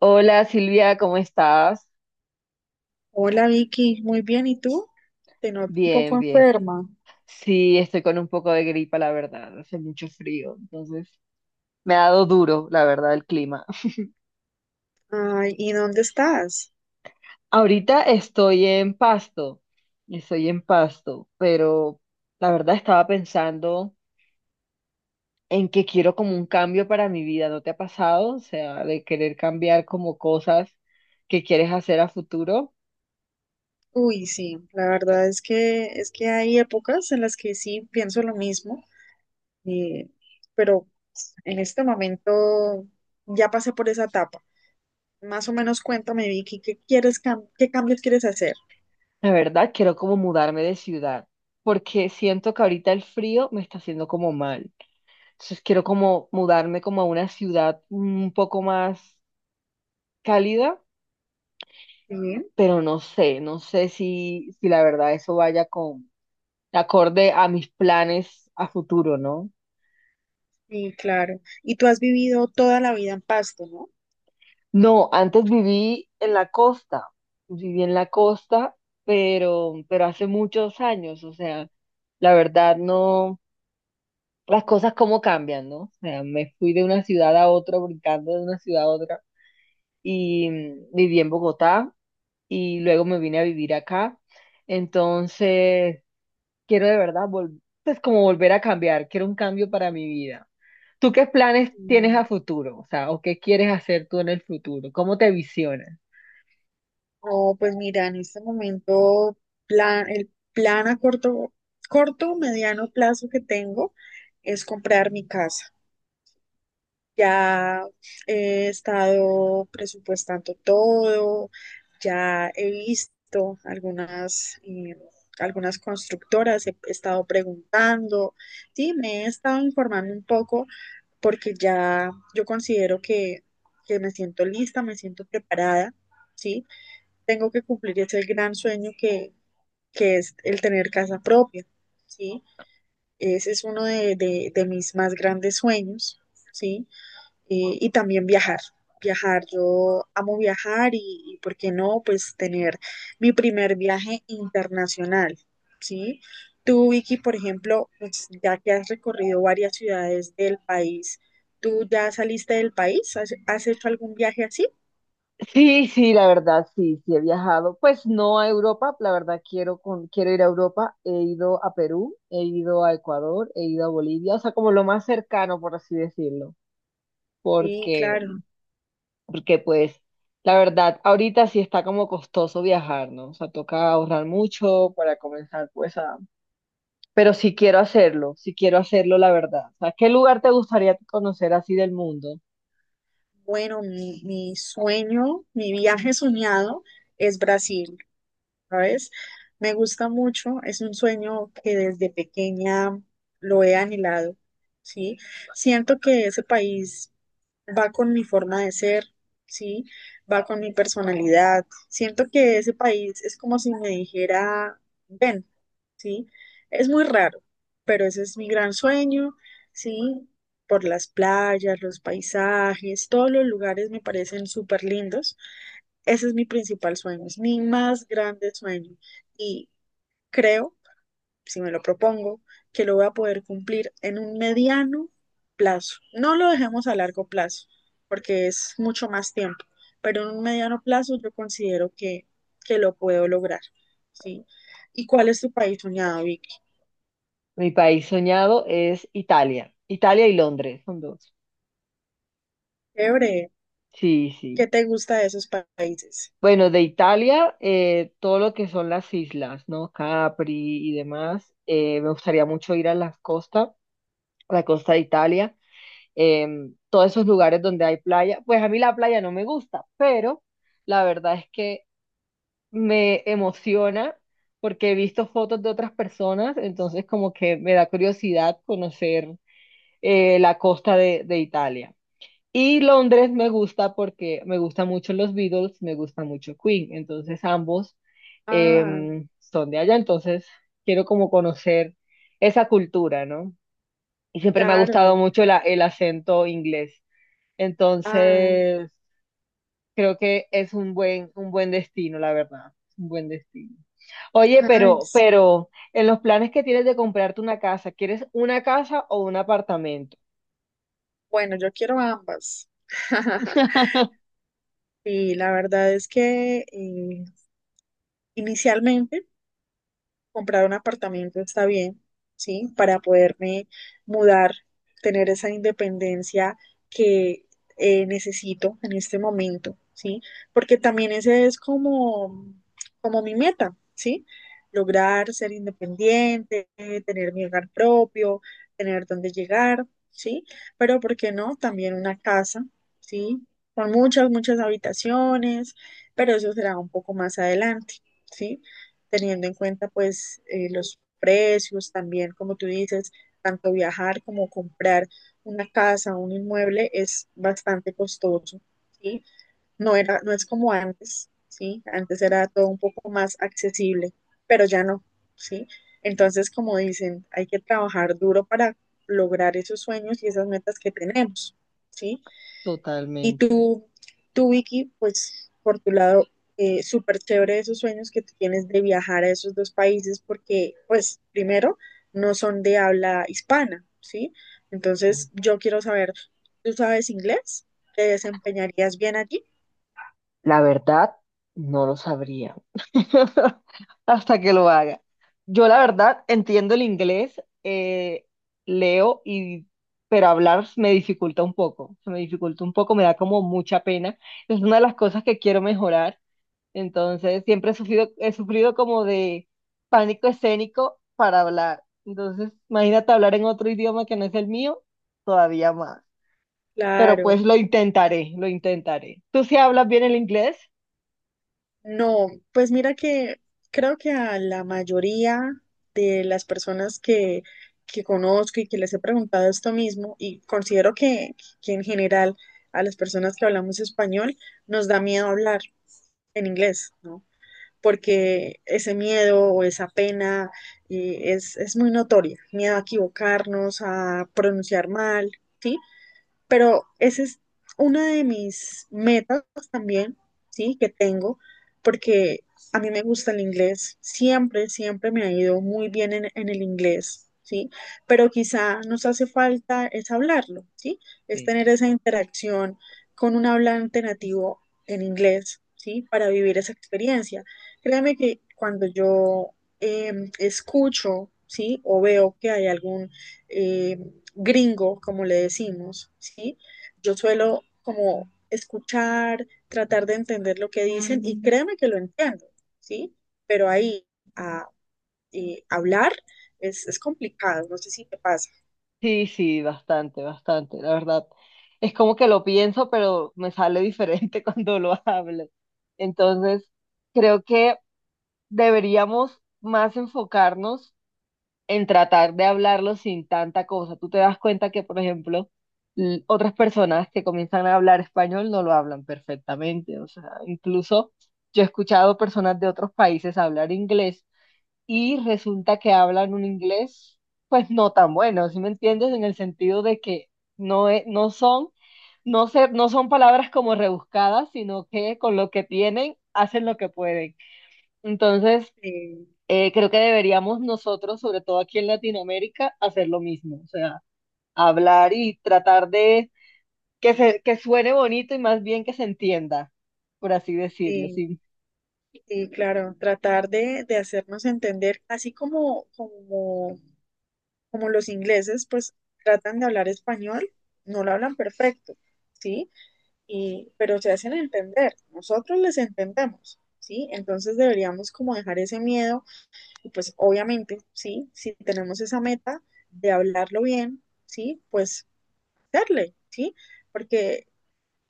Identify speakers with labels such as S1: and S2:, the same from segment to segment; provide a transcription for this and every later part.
S1: Hola Silvia, ¿cómo estás?
S2: Hola Vicky, muy bien, ¿y tú? Te noto un
S1: Bien,
S2: poco
S1: bien.
S2: enferma.
S1: Sí, estoy con un poco de gripa, la verdad. Hace mucho frío, entonces me ha dado duro, la verdad, el clima.
S2: Ay, ¿y dónde estás?
S1: Ahorita estoy en Pasto, pero la verdad estaba pensando en que quiero como un cambio para mi vida. ¿No te ha pasado? O sea, de querer cambiar como cosas que quieres hacer a futuro.
S2: Uy, sí, la verdad es que hay épocas en las que sí pienso lo mismo, eh, pero en este momento ya pasé por esa etapa. Más o menos cuéntame, Vicky, ¿qué quieres qué cambios quieres hacer?
S1: La verdad, quiero como mudarme de ciudad, porque siento que ahorita el frío me está haciendo como mal. Entonces quiero como mudarme como a una ciudad un poco más cálida,
S2: Sí,
S1: pero no sé, no sé si la verdad eso vaya con acorde a mis planes a futuro, ¿no?
S2: sí, claro. Y tú has vivido toda la vida en Pasto, ¿no?
S1: No, antes viví en la costa, viví en la costa, pero hace muchos años, o sea, la verdad no, las cosas cómo cambian, ¿no? O sea, me fui de una ciudad a otra, brincando de una ciudad a otra, y viví en Bogotá y luego me vine a vivir acá. Entonces, quiero de verdad, pues como volver a cambiar, quiero un cambio para mi vida. ¿Tú qué planes tienes a futuro? O sea, ¿o qué quieres hacer tú en el futuro? ¿Cómo te visionas?
S2: Oh, pues mira, en este momento plan, el plan a corto, mediano plazo que tengo es comprar mi casa. Ya he estado presupuestando todo, ya he visto algunas, algunas constructoras, he estado preguntando, sí, me he estado informando un poco porque ya yo considero que me siento lista, me siento preparada, ¿sí? Tengo que cumplir ese gran sueño que es el tener casa propia, ¿sí? Ese es uno de mis más grandes sueños, ¿sí? Y también viajar, viajar. Yo amo viajar y ¿por qué no? Pues tener mi primer viaje internacional, ¿sí? Tú, Vicky, por ejemplo, pues, ya que has recorrido varias ciudades del país, ¿tú ya saliste del país? ¿Has, has hecho algún viaje así?
S1: Sí, sí, la verdad, sí, sí he viajado. Pues no a Europa, la verdad quiero quiero ir a Europa. He ido a Perú, he ido a Ecuador, he ido a Bolivia, o sea, como lo más cercano, por así decirlo,
S2: Sí,
S1: porque
S2: claro.
S1: pues la verdad, ahorita sí está como costoso viajar, ¿no? O sea, toca ahorrar mucho para comenzar pues a... Pero sí quiero hacerlo, la verdad. O sea, ¿qué lugar te gustaría conocer así del mundo?
S2: Bueno, mi sueño, mi viaje soñado es Brasil, ¿sabes? Me gusta mucho, es un sueño que desde pequeña lo he anhelado, ¿sí? Siento que ese país va con mi forma de ser, ¿sí? Va con mi personalidad. Siento que ese país es como si me dijera, ven. ¿Sí? Es muy raro, pero ese es mi gran sueño, ¿sí? Por las playas, los paisajes, todos los lugares me parecen súper lindos. Ese es mi principal sueño, es mi más grande sueño. Y creo, si me lo propongo, que lo voy a poder cumplir en un mediano plazo. No lo dejemos a largo plazo, porque es mucho más tiempo, pero en un mediano plazo yo considero que lo puedo lograr, ¿sí? ¿Y cuál es tu país soñado, Vic?
S1: Mi país soñado es Italia. Italia y Londres son dos.
S2: Chévere.
S1: Sí, sí.
S2: ¿Qué te gusta de esos países?
S1: Bueno, de Italia, todo lo que son las islas, ¿no? Capri y demás. Me gustaría mucho ir a las costas, a la costa de Italia. eh, todos esos lugares donde hay playa. Pues a mí la playa no me gusta, pero la verdad es que me emociona porque he visto fotos de otras personas, entonces como que me da curiosidad conocer la costa de Italia. Y Londres me gusta porque me gustan mucho los Beatles, me gusta mucho Queen, entonces ambos
S2: Ah,
S1: son de allá, entonces quiero como conocer esa cultura, ¿no? Y siempre me ha gustado
S2: claro.
S1: mucho el acento inglés.
S2: Ah,
S1: Entonces, creo que es un buen destino, la verdad. Un buen destino. Oye,
S2: ay,
S1: pero,
S2: sí.
S1: pero, en los planes que tienes de comprarte una casa, ¿quieres una casa o un apartamento?
S2: Bueno, yo quiero ambas. Y la verdad es que inicialmente comprar un apartamento está bien, ¿sí? Para poderme mudar, tener esa independencia que necesito en este momento, ¿sí? Porque también ese es como, como mi meta, ¿sí? Lograr ser independiente, tener mi hogar propio, tener dónde llegar, ¿sí? Pero, ¿por qué no? También una casa, ¿sí? Con muchas, muchas habitaciones, pero eso será un poco más adelante, ¿sí? Teniendo en cuenta pues los precios también, como tú dices, tanto viajar como comprar una casa, un inmueble es bastante costoso, ¿sí? No es como antes, ¿sí? Antes era todo un poco más accesible, pero ya no, ¿sí? Entonces, como dicen, hay que trabajar duro para lograr esos sueños y esas metas que tenemos, ¿sí? Y
S1: Totalmente.
S2: Vicky, pues por tu lado, súper chévere esos sueños que tú tienes de viajar a esos dos países porque, pues, primero, no son de habla hispana, ¿sí? Entonces, yo quiero saber, ¿tú sabes inglés? ¿Te desempeñarías bien allí?
S1: La verdad, no lo sabría hasta que lo haga. Yo la verdad entiendo el inglés, leo y pero hablar me dificulta un poco, se me dificulta un poco, me da como mucha pena. Es una de las cosas que quiero mejorar. Entonces, siempre he sufrido como de pánico escénico para hablar. Entonces, imagínate hablar en otro idioma que no es el mío, todavía más. Pero
S2: Claro.
S1: pues lo intentaré, lo intentaré. ¿Tú sí hablas bien el inglés?
S2: No, pues mira que creo que a la mayoría de las personas que conozco y que les he preguntado esto mismo, y considero que en general a las personas que hablamos español nos da miedo hablar en inglés, ¿no? Porque ese miedo o esa pena es muy notoria, miedo a equivocarnos, a pronunciar mal, pero esa es una de mis metas también, ¿sí? Que tengo, porque a mí me gusta el inglés, siempre, siempre me ha ido muy bien en el inglés, ¿sí? Pero quizá nos hace falta es hablarlo, ¿sí? Es
S1: Sí.
S2: tener esa interacción con un hablante nativo en inglés, ¿sí? Para vivir esa experiencia. Créeme que cuando yo escucho, ¿sí? O veo que hay algún eh, gringo, como le decimos, ¿sí? Yo suelo como escuchar, tratar de entender lo que dicen y créeme que lo entiendo, ¿sí? Pero ahí a hablar es complicado, no sé si te pasa.
S1: Sí, sí, bastante, bastante, la verdad. Es como que lo pienso, pero me sale diferente cuando lo hablo. Entonces, creo que deberíamos más enfocarnos en tratar de hablarlo sin tanta cosa. Tú te das cuenta que, por ejemplo, otras personas que comienzan a hablar español no lo hablan perfectamente. O sea, incluso yo he escuchado personas de otros países hablar inglés y resulta que hablan un inglés, pues no tan bueno, ¿sí me entiendes? En el sentido de que no, e- no son, no son palabras como rebuscadas, sino que con lo que tienen hacen lo que pueden. Entonces,
S2: Eh,
S1: creo que deberíamos nosotros, sobre todo aquí en Latinoamérica, hacer lo mismo, o sea, hablar y tratar de que suene bonito y más bien que se entienda, por así decirlo,
S2: sí,
S1: sí.
S2: sí, claro, tratar de hacernos entender, así como los ingleses, pues tratan de hablar español, no lo hablan perfecto, ¿sí? Y, pero se hacen entender, nosotros les entendemos, ¿sí? Entonces deberíamos como dejar ese miedo y pues obviamente, ¿sí? Si tenemos esa meta de hablarlo bien, ¿sí? Pues darle, ¿sí? Porque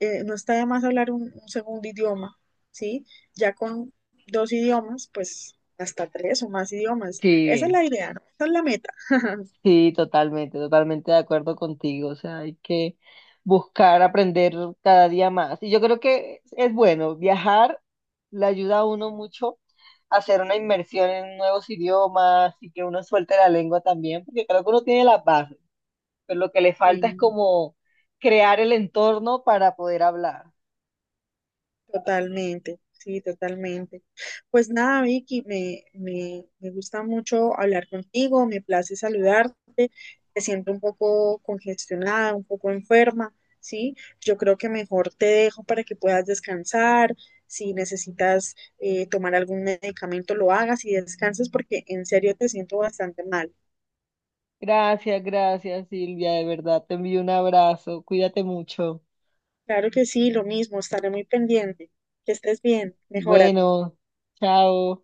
S2: no está de más hablar un segundo idioma, ¿sí? Ya con dos idiomas, pues hasta tres o más idiomas. Esa es
S1: Sí,
S2: la idea, ¿no? Esa es la meta.
S1: sí, totalmente, totalmente de acuerdo contigo, o sea, hay que buscar aprender cada día más. Y yo creo que es bueno, viajar le ayuda a uno mucho a hacer una inmersión en nuevos idiomas y que uno suelte la lengua también, porque creo que uno tiene las bases. Pero lo que le falta es
S2: Sí.
S1: como crear el entorno para poder hablar.
S2: Totalmente, sí, totalmente. Pues nada, Vicky, me gusta mucho hablar contigo, me place saludarte, te siento un poco congestionada, un poco enferma, ¿sí? Yo creo que mejor te dejo para que puedas descansar, si necesitas tomar algún medicamento, lo hagas y descanses porque en serio te siento bastante mal.
S1: Gracias, gracias, Silvia, de verdad. Te envío un abrazo. Cuídate mucho.
S2: Claro que sí, lo mismo, estaré muy pendiente. Que estés bien, mejórate.
S1: Bueno, chao.